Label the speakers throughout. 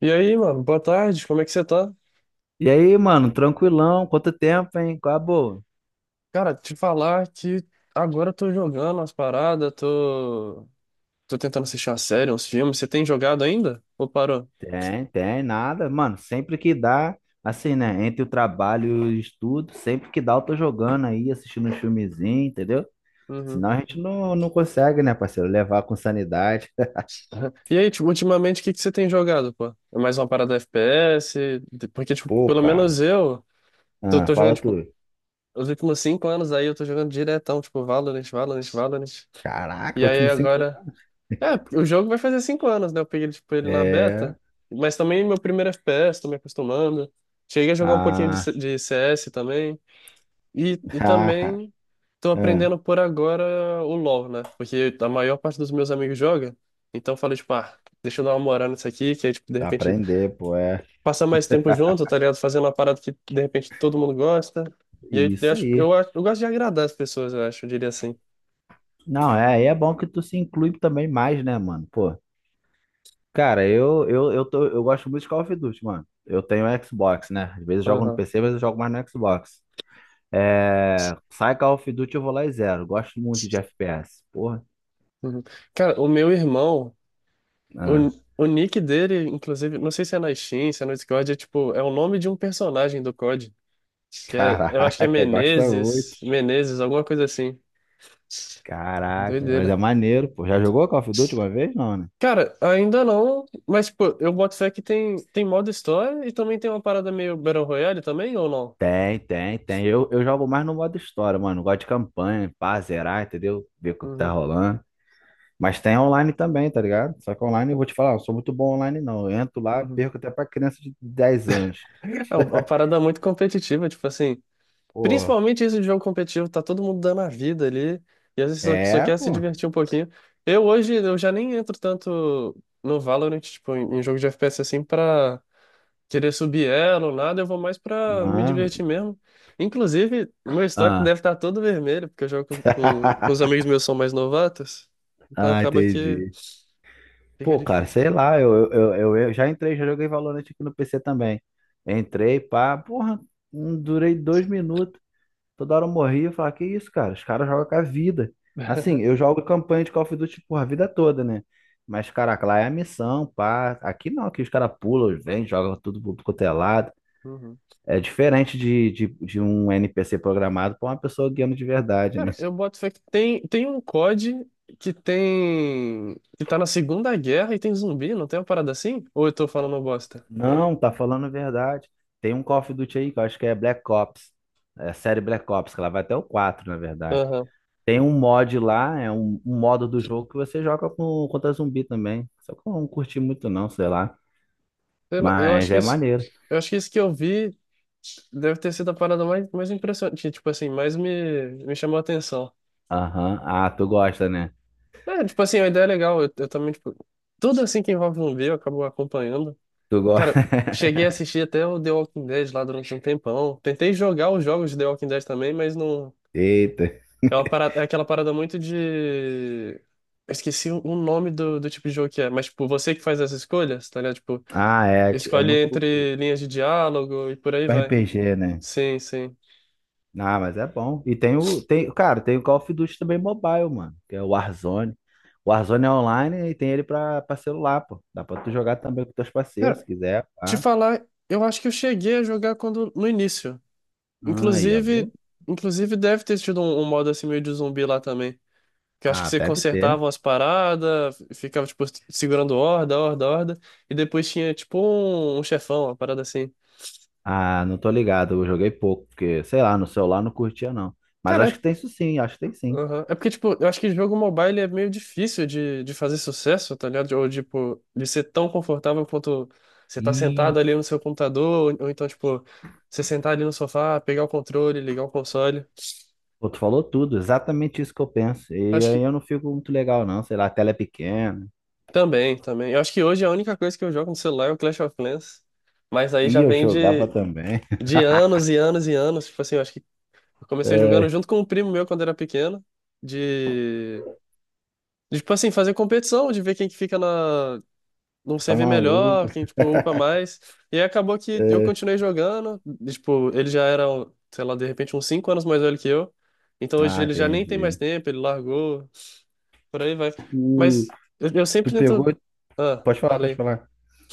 Speaker 1: E aí, mano, boa tarde, como é que você tá?
Speaker 2: E aí, mano, tranquilão? Quanto tempo, hein? Qual a boa?
Speaker 1: Cara, te falar que agora eu tô jogando umas paradas, tô tentando assistir uma série, uns filmes. Você tem jogado ainda? Ou parou?
Speaker 2: Tem, tem, nada. Mano, sempre que dá, assim, né? Entre o trabalho e o estudo, sempre que dá, eu tô jogando aí, assistindo um filmezinho, entendeu?
Speaker 1: Uhum.
Speaker 2: Senão a gente não consegue, né, parceiro? Levar com sanidade.
Speaker 1: E aí, tipo, ultimamente, o que que você tem jogado, pô? É mais uma parada FPS? Porque, tipo,
Speaker 2: Pô,
Speaker 1: pelo
Speaker 2: cara.
Speaker 1: menos eu tô,
Speaker 2: Ah,
Speaker 1: tô jogando,
Speaker 2: fala
Speaker 1: tipo,
Speaker 2: tu.
Speaker 1: os últimos cinco anos aí eu tô jogando diretão, tipo, Valorant, Valorant, Valorant.
Speaker 2: Caraca,
Speaker 1: E
Speaker 2: último
Speaker 1: aí
Speaker 2: cinco.
Speaker 1: agora. É, o jogo vai fazer cinco anos, né? Eu peguei, tipo, ele na
Speaker 2: É.
Speaker 1: beta. Mas também meu primeiro FPS, tô me acostumando. Cheguei a jogar um pouquinho de,
Speaker 2: Ah,
Speaker 1: de CS também. E, e
Speaker 2: ah,
Speaker 1: também tô
Speaker 2: ah,
Speaker 1: aprendendo por agora o LoL, né? Porque a maior parte dos meus amigos joga. Então eu falei, tipo, ah, deixa eu dar uma moral nisso aqui, que aí, tipo, de
Speaker 2: tá
Speaker 1: repente,
Speaker 2: aprender, pô, é.
Speaker 1: passar mais tempo junto, tá ligado? Fazendo uma parada que, de repente, todo mundo gosta. E aí, eu
Speaker 2: Isso
Speaker 1: acho,
Speaker 2: aí.
Speaker 1: eu gosto de agradar as pessoas, eu acho, eu diria assim.
Speaker 2: Não, é, aí é bom que tu se inclui também mais, né, mano? Pô. Cara, eu gosto muito de Call of Duty, mano. Eu tenho Xbox, né? Às vezes eu jogo no
Speaker 1: Aham.
Speaker 2: PC, mas eu jogo mais no Xbox. Sai Call of Duty, eu vou lá e zero. Gosto muito de FPS. Porra.
Speaker 1: Uhum. Cara, o meu irmão, O,
Speaker 2: Ah,
Speaker 1: o nick dele, inclusive, não sei se é na Steam, se é no Discord, é tipo, é o nome de um personagem do COD, que é, eu
Speaker 2: caraca,
Speaker 1: acho que é
Speaker 2: gosta muito.
Speaker 1: Menezes, Menezes, alguma coisa assim.
Speaker 2: Caraca, mas
Speaker 1: Doideira.
Speaker 2: é maneiro, pô. Já jogou Call of Duty uma vez? Não, né?
Speaker 1: Cara, ainda não, mas tipo, eu boto fé que tem modo história e também tem uma parada meio Battle Royale também, ou não?
Speaker 2: Tem, tem, tem. Eu jogo mais no modo história, mano. Gosto de campanha, pá, zerar, entendeu? Ver o que tá
Speaker 1: Uhum,
Speaker 2: rolando. Mas tem online também, tá ligado? Só que online, eu vou te falar, eu não sou muito bom online não. Eu entro lá,
Speaker 1: uhum.
Speaker 2: perco até pra criança de dez anos.
Speaker 1: É uma parada muito competitiva, tipo assim.
Speaker 2: Pô,
Speaker 1: Principalmente isso de jogo competitivo, tá todo mundo dando a vida ali, e às vezes só
Speaker 2: é,
Speaker 1: quer se
Speaker 2: pô.
Speaker 1: divertir um pouquinho. Eu hoje, eu já nem entro tanto no Valorant, tipo, em jogo de FPS assim, pra querer subir elo, nada, eu vou mais pra me
Speaker 2: Não.
Speaker 1: divertir mesmo. Inclusive, meu histórico
Speaker 2: Ah,
Speaker 1: deve estar todo vermelho, porque eu jogo com os amigos meus que são mais novatos, então
Speaker 2: ah,
Speaker 1: acaba que
Speaker 2: entendi.
Speaker 1: fica
Speaker 2: Pô, cara,
Speaker 1: difícil.
Speaker 2: sei lá, eu já entrei, já joguei Valorant aqui no PC também. Entrei, pá, porra, não durei dois minutos. Toda hora eu morria e falava, que isso, cara? Os caras jogam com a vida. Assim, eu jogo campanha de Call of Duty, por a vida toda, né? Mas, caraca, lá é a missão, pá. Aqui não, aqui os caras pulam, vêm, jogam tudo pro quanto é lado.
Speaker 1: Uhum.
Speaker 2: É diferente de um NPC programado pra uma pessoa guiando de verdade,
Speaker 1: Cara,
Speaker 2: né?
Speaker 1: eu boto fé que tem um COD que tem. Que tá na Segunda Guerra e tem zumbi, não tem uma parada assim? Ou eu tô falando bosta?
Speaker 2: Não, tá falando a verdade. Tem um Call of Duty aí que eu acho que é Black Ops. É a série Black Ops, que ela vai até o 4 na verdade.
Speaker 1: Aham.
Speaker 2: Tem um mod lá, é um modo do jogo que você joga com, contra zumbi também. Só que eu não curti muito, não, sei lá.
Speaker 1: Sei lá, eu acho
Speaker 2: Mas
Speaker 1: que
Speaker 2: é
Speaker 1: isso.
Speaker 2: maneiro.
Speaker 1: Eu acho que isso que eu vi deve ter sido a parada mais impressionante, tipo assim, mais me chamou a atenção.
Speaker 2: Aham. Ah, tu gosta, né?
Speaker 1: É, tipo assim, a ideia é legal, eu também, tipo, tudo assim que envolve zumbi eu acabo acompanhando.
Speaker 2: Tu gosta.
Speaker 1: Cara, cheguei a assistir até o The Walking Dead lá durante um tempão. Tentei jogar os jogos de The Walking Dead também, mas não.
Speaker 2: Eita.
Speaker 1: É uma parada, é aquela parada muito de. Eu esqueci o nome do tipo de jogo que é, mas tipo, você que faz as escolhas, tá ligado? Tipo,
Speaker 2: É
Speaker 1: escolhe
Speaker 2: muito
Speaker 1: entre linhas de diálogo e por aí vai.
Speaker 2: RPG, né?
Speaker 1: Sim, sim.
Speaker 2: Ah, mas é bom. Tem, cara, tem o Call of Duty também mobile, mano. Que é o Warzone. O Warzone é online e tem ele pra, pra celular, pô. Dá pra tu jogar também com teus parceiros, se
Speaker 1: Cara,
Speaker 2: quiser.
Speaker 1: te
Speaker 2: Pá.
Speaker 1: falar, eu acho que eu cheguei a jogar quando no início.
Speaker 2: Ah, aí, ó,
Speaker 1: Inclusive,
Speaker 2: viu?
Speaker 1: inclusive, deve ter tido um modo assim meio de zumbi lá também. Que eu acho que
Speaker 2: Ah,
Speaker 1: você
Speaker 2: deve
Speaker 1: consertava
Speaker 2: ter.
Speaker 1: umas paradas, ficava tipo segurando horda, horda, horda, e depois tinha tipo um chefão, uma parada assim.
Speaker 2: Ah, não tô ligado. Eu joguei pouco, porque, sei lá, no celular não curtia, não. Mas acho
Speaker 1: Cara.
Speaker 2: que tem isso sim, acho que tem
Speaker 1: Aham. É porque, tipo, eu acho que jogo mobile é meio difícil de fazer sucesso, tá ligado? Ou, tipo, de ser tão confortável quanto você tá
Speaker 2: sim.
Speaker 1: sentado ali no seu computador, ou então, tipo, você sentar ali no sofá, pegar o controle, ligar o console.
Speaker 2: Pô, tu falou tudo, exatamente isso que eu penso. E
Speaker 1: Acho
Speaker 2: aí
Speaker 1: que
Speaker 2: eu não fico muito legal, não. Sei lá, a tela é pequena.
Speaker 1: também, também. Eu acho que hoje a única coisa que eu jogo no celular é o Clash of Clans, mas aí
Speaker 2: E
Speaker 1: já
Speaker 2: eu
Speaker 1: vem
Speaker 2: jogava
Speaker 1: de,
Speaker 2: também.
Speaker 1: de anos e anos e anos. Tipo assim, eu acho que eu comecei jogando
Speaker 2: É.
Speaker 1: junto com um primo meu quando era pequeno, de, de tipo assim, fazer competição, de ver quem que fica na um
Speaker 2: Tá
Speaker 1: CV
Speaker 2: maluco?
Speaker 1: melhor, quem, tipo, upa mais. E aí acabou que eu
Speaker 2: É.
Speaker 1: continuei jogando. E, tipo, ele já era, um, sei lá, de repente uns 5 anos mais velho que eu. Então hoje
Speaker 2: Ah,
Speaker 1: ele já nem tem mais
Speaker 2: entendi.
Speaker 1: tempo, ele largou, por aí vai.
Speaker 2: Tu,
Speaker 1: Mas eu
Speaker 2: tu
Speaker 1: sempre
Speaker 2: pegou.
Speaker 1: tento. Ah,
Speaker 2: Pode falar, pode
Speaker 1: falei.
Speaker 2: falar.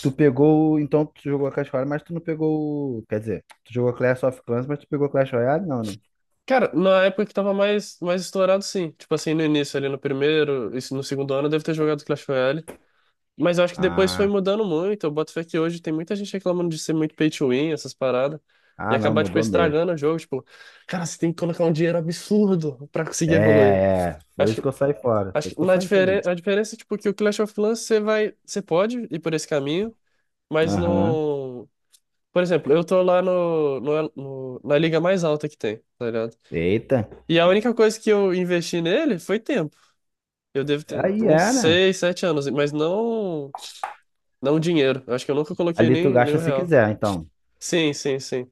Speaker 2: Tu pegou. Então tu jogou a Clash Royale, mas tu não pegou. Quer dizer, tu jogou Clash of Clans, mas tu pegou Clash Royale, não, né?
Speaker 1: Cara, na época que tava mais estourado, sim. Tipo assim, no início, ali no primeiro, isso no segundo ano, eu devo ter jogado Clash Royale. Mas eu acho que depois foi
Speaker 2: Ah,
Speaker 1: mudando muito. Eu boto fé que hoje tem muita gente reclamando de ser muito pay to win, essas paradas. E
Speaker 2: não,
Speaker 1: acabar, tipo,
Speaker 2: mudou mesmo.
Speaker 1: estragando o jogo. Tipo, cara, você tem que colocar um dinheiro absurdo pra conseguir
Speaker 2: É,
Speaker 1: evoluir.
Speaker 2: é. Foi
Speaker 1: Acho
Speaker 2: isso que
Speaker 1: que,
Speaker 2: eu saí fora.
Speaker 1: acho
Speaker 2: Foi isso
Speaker 1: que
Speaker 2: que eu
Speaker 1: na
Speaker 2: saí
Speaker 1: diferen
Speaker 2: também.
Speaker 1: a diferença é, tipo, que o Clash of Clans você vai, você pode ir por esse caminho, mas
Speaker 2: Aham.
Speaker 1: não. Por exemplo, eu tô lá na liga mais alta que tem, tá ligado?
Speaker 2: Eita.
Speaker 1: E a única coisa que eu investi nele foi tempo. Eu devo ter
Speaker 2: Aí
Speaker 1: uns
Speaker 2: era.
Speaker 1: 6 7 anos, mas não. Não dinheiro. Eu acho que eu nunca coloquei
Speaker 2: Ali tu
Speaker 1: nem
Speaker 2: gasta
Speaker 1: um
Speaker 2: se
Speaker 1: real.
Speaker 2: quiser, então.
Speaker 1: Sim, sim, sim.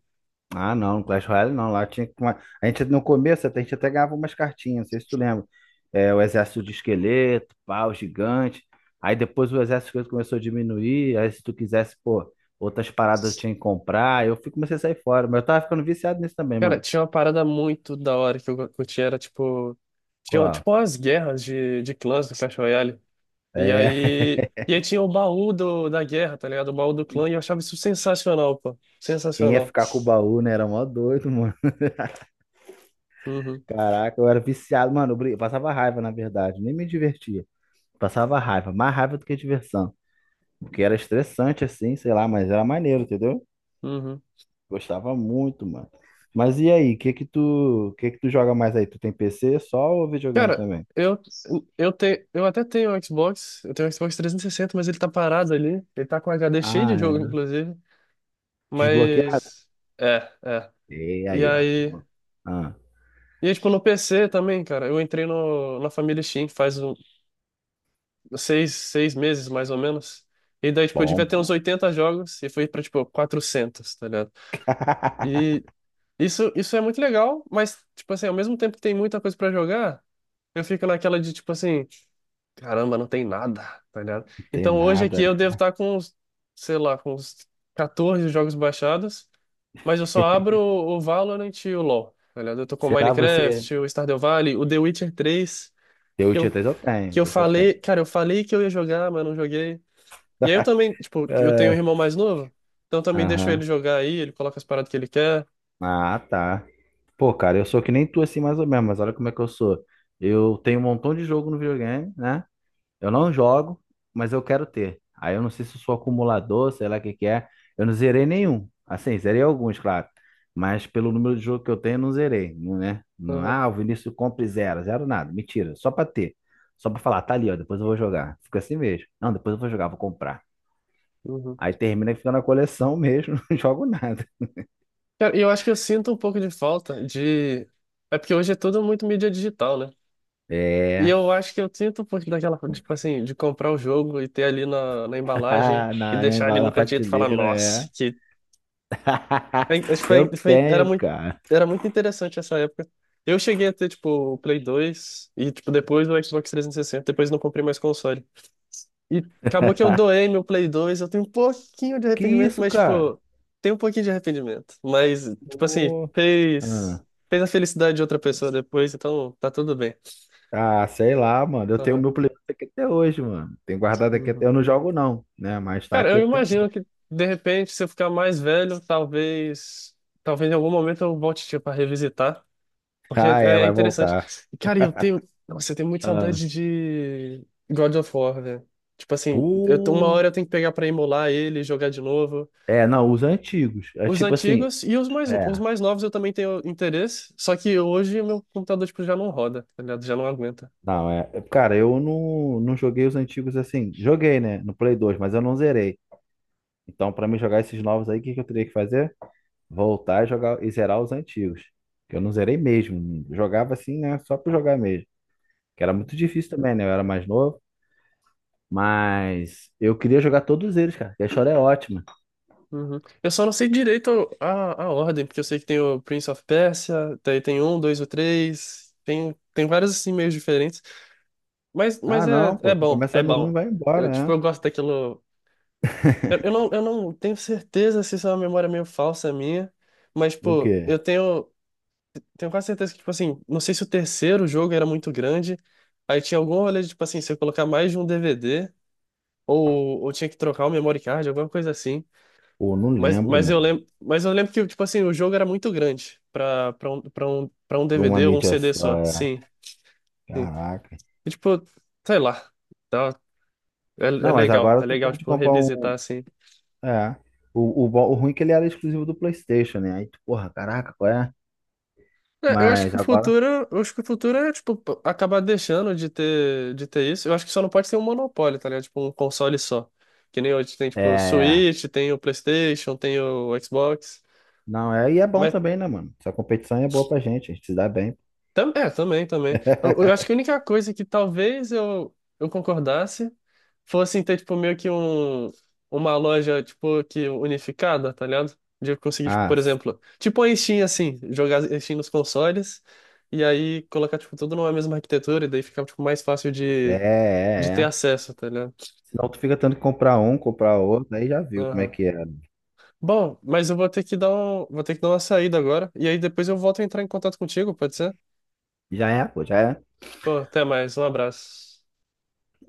Speaker 2: Ah, não, Clash Royale não. Lá tinha que tomar- A gente no começo até, a gente até ganhava umas cartinhas, não sei se tu lembra. É, o exército de esqueleto, pau, gigante. Aí depois o exército de esqueleto começou a diminuir. Aí se tu quisesse, pô, outras paradas eu tinha que comprar. Eu fui, comecei a sair fora. Mas eu tava ficando viciado nisso também,
Speaker 1: Cara,
Speaker 2: mano.
Speaker 1: tinha uma parada muito da hora que eu curti, era tipo. Tinha
Speaker 2: Qual?
Speaker 1: tipo umas guerras de clãs do Clash Royale. E
Speaker 2: É.
Speaker 1: aí. E aí tinha o baú do, da guerra, tá ligado? O baú do clã, e eu achava isso sensacional, pô.
Speaker 2: Quem ia
Speaker 1: Sensacional.
Speaker 2: ficar com o baú, né? Era mó doido, mano.
Speaker 1: Uhum,
Speaker 2: Caraca, eu era viciado, mano. Eu passava raiva, na verdade. Nem me divertia. Passava raiva. Mais raiva do que diversão. Porque era estressante, assim, sei lá, mas era maneiro, entendeu?
Speaker 1: uhum.
Speaker 2: Gostava muito, mano. Mas e aí, que tu joga mais aí? Tu tem PC só ou videogame
Speaker 1: Cara,
Speaker 2: também?
Speaker 1: eu, eu até tenho um Xbox, eu tenho um Xbox 360, mas ele tá parado ali. Ele tá com HD cheio
Speaker 2: Ah,
Speaker 1: de jogo,
Speaker 2: é.
Speaker 1: inclusive.
Speaker 2: Desbloqueado?
Speaker 1: Mas. É, é.
Speaker 2: E
Speaker 1: E
Speaker 2: aí, ó.
Speaker 1: aí.
Speaker 2: Ah,
Speaker 1: E aí, tipo, no PC também, cara, eu entrei no, na família Steam faz um, seis meses, mais ou menos. E daí, tipo, eu
Speaker 2: bom,
Speaker 1: devia ter uns
Speaker 2: bom.
Speaker 1: 80 jogos e fui pra, tipo, 400, tá ligado? E isso é muito legal, mas, tipo assim, ao mesmo tempo que tem muita coisa pra jogar, eu fico naquela de, tipo assim, caramba, não tem nada, tá ligado?
Speaker 2: Não tem
Speaker 1: Então hoje aqui
Speaker 2: nada.
Speaker 1: eu devo estar com, uns, sei lá, com uns 14 jogos baixados, mas eu só abro o Valorant e o LoL, tá ligado? Eu tô com o
Speaker 2: Será você?
Speaker 1: Minecraft, o Stardew Valley, o The Witcher 3.
Speaker 2: Eu tinha três, eu tenho,
Speaker 1: Que eu
Speaker 2: você tem.
Speaker 1: falei, cara, eu falei que eu ia jogar, mas não joguei. E aí eu também, tipo, eu tenho um
Speaker 2: É.
Speaker 1: irmão mais novo, então eu também deixo ele
Speaker 2: Aham.
Speaker 1: jogar aí, ele coloca as paradas que ele quer.
Speaker 2: Ah, tá. Pô, cara, eu sou que nem tu assim mais ou menos, mas olha como é que eu sou. Eu tenho um montão de jogo no videogame, né? Eu não jogo, mas eu quero ter. Aí eu não sei se eu sou acumulador, sei lá o que que é. Eu não zerei nenhum. Assim, zerei alguns, claro. Mas pelo número de jogo que eu tenho, eu não zerei, não, né? Não,
Speaker 1: Aham,
Speaker 2: ah, o Vinícius compra e zero, zero nada. Mentira, só pra ter. Só pra falar, tá ali, ó, depois eu vou jogar. Fica assim mesmo. Não, depois eu vou jogar, vou comprar.
Speaker 1: uhum.
Speaker 2: Aí termina que fica na coleção mesmo, não jogo nada.
Speaker 1: Cara, e eu acho que eu sinto um pouco de falta de. É porque hoje é tudo muito mídia digital, né? E
Speaker 2: É,
Speaker 1: eu acho que eu sinto um pouco daquela, tipo assim, de comprar o jogo e ter ali na embalagem
Speaker 2: na,
Speaker 1: e deixar ali
Speaker 2: na,
Speaker 1: no
Speaker 2: na
Speaker 1: cantinho e falar,
Speaker 2: prateleira,
Speaker 1: nossa,
Speaker 2: é.
Speaker 1: que. É, acho que Foi,
Speaker 2: Eu
Speaker 1: foi, era
Speaker 2: tenho,
Speaker 1: muito,
Speaker 2: cara.
Speaker 1: era muito interessante essa época. Eu cheguei a ter, tipo, o Play 2 e, tipo, depois o Xbox 360, depois não comprei mais console. E acabou que eu doei meu Play 2, eu tenho um pouquinho de
Speaker 2: Que
Speaker 1: arrependimento,
Speaker 2: isso,
Speaker 1: mas,
Speaker 2: cara?
Speaker 1: tipo, tem um pouquinho de arrependimento. Mas, tipo assim,
Speaker 2: Pô.
Speaker 1: fez a felicidade de outra pessoa depois, então tá tudo bem.
Speaker 2: Ah, sei lá, mano. Eu tenho o
Speaker 1: Aham.
Speaker 2: meu Playboy aqui até hoje, mano. Tenho guardado aqui até.
Speaker 1: Uhum.
Speaker 2: Eu não jogo, não, né? Mas tá
Speaker 1: Cara, eu
Speaker 2: aqui até
Speaker 1: imagino
Speaker 2: hoje.
Speaker 1: que de repente, se eu ficar mais velho, talvez, talvez em algum momento eu volte tipo, para revisitar, porque é,
Speaker 2: Ah, é,
Speaker 1: é
Speaker 2: vai
Speaker 1: interessante.
Speaker 2: voltar.
Speaker 1: E, cara, eu tenho, nossa, eu tenho muita
Speaker 2: Ah,
Speaker 1: saudade de God of War, velho. Tipo assim, uma
Speaker 2: pô.
Speaker 1: hora eu tenho que pegar pra emular ele e jogar de novo.
Speaker 2: É, não, os antigos. É
Speaker 1: Os
Speaker 2: tipo assim.
Speaker 1: antigos e os mais,
Speaker 2: É,
Speaker 1: os mais novos eu também tenho interesse, só que hoje o meu computador tipo, já não roda, tá ligado? Já não aguenta.
Speaker 2: não, é, é, cara, eu não joguei os antigos assim. Joguei, né? No Play 2, mas eu não zerei. Então, pra mim jogar esses novos aí, o que que eu teria que fazer? Voltar e jogar e zerar os antigos. Que eu não zerei mesmo. Jogava assim, né? Só pra jogar mesmo. Que era muito difícil também, né? Eu era mais novo. Mas eu queria jogar todos eles, cara. Que A história é ótima.
Speaker 1: Uhum. Eu só não sei direito a ordem, porque eu sei que tem o Prince of Persia, daí tem um, dois, o três, tem vários assim meios diferentes. Mas
Speaker 2: Ah,
Speaker 1: é,
Speaker 2: não,
Speaker 1: é
Speaker 2: pô. Tu
Speaker 1: bom, é
Speaker 2: começa no um, e
Speaker 1: bom.
Speaker 2: vai embora,
Speaker 1: Eu, tipo,
Speaker 2: né?
Speaker 1: eu gosto daquilo. Eu, eu não, eu não tenho certeza se isso é uma memória meio falsa minha, mas,
Speaker 2: O
Speaker 1: pô,
Speaker 2: quê?
Speaker 1: eu tenho. Tenho quase certeza que, tipo assim, não sei se o terceiro jogo era muito grande, aí tinha algum rolê de, tipo assim, se eu colocar mais de um DVD, ou tinha que trocar o memory card, alguma coisa assim.
Speaker 2: Pô, não
Speaker 1: Mas,
Speaker 2: lembro,
Speaker 1: mas eu
Speaker 2: mano.
Speaker 1: lembro, mas eu lembro que, tipo assim, o jogo era muito grande pra um
Speaker 2: Por uma
Speaker 1: DVD ou um
Speaker 2: mídia
Speaker 1: CD
Speaker 2: só,
Speaker 1: só.
Speaker 2: é.
Speaker 1: Sim, sim.
Speaker 2: Caraca.
Speaker 1: E, tipo, sei lá. Tá, é
Speaker 2: Não, mas
Speaker 1: legal,
Speaker 2: agora
Speaker 1: é
Speaker 2: tu
Speaker 1: legal,
Speaker 2: pode
Speaker 1: tipo,
Speaker 2: comprar
Speaker 1: revisitar,
Speaker 2: um.
Speaker 1: assim.
Speaker 2: É. Bom- o ruim é que ele era exclusivo do PlayStation, né? Aí tu, porra, caraca, qual é?
Speaker 1: É, eu acho
Speaker 2: Mas
Speaker 1: que o
Speaker 2: agora.
Speaker 1: futuro, eu acho que o futuro é, tipo, acabar deixando de ter isso. Eu acho que só não pode ter um monopólio, tá ligado? Tipo, um console só. Que nem hoje tem, tipo, o
Speaker 2: É.
Speaker 1: Switch, tem o PlayStation, tem o Xbox.
Speaker 2: Não, é. E é bom
Speaker 1: Mas
Speaker 2: também, né, mano? Essa competição é boa pra gente. A gente se dá bem.
Speaker 1: é, também, também. Eu, eu acho que a única coisa que talvez eu concordasse fosse em ter, tipo, meio que um, uma loja, tipo, que unificada, tá ligado? De eu conseguir, tipo,
Speaker 2: Ah,
Speaker 1: por exemplo, tipo a Steam, assim, jogar a Steam nos consoles e aí colocar, tipo, tudo numa mesma arquitetura e daí ficar, tipo, mais fácil
Speaker 2: é,
Speaker 1: de
Speaker 2: é,
Speaker 1: ter
Speaker 2: é.
Speaker 1: acesso, tá ligado?
Speaker 2: Senão tu fica tendo que comprar um, comprar outro. Aí já viu como é
Speaker 1: Aham.
Speaker 2: que é, né?
Speaker 1: Bom, mas eu vou ter que dar uma saída agora e aí depois eu volto a entrar em contato contigo, pode ser?
Speaker 2: Já é, pô, já é.
Speaker 1: Pô, até mais, um abraço.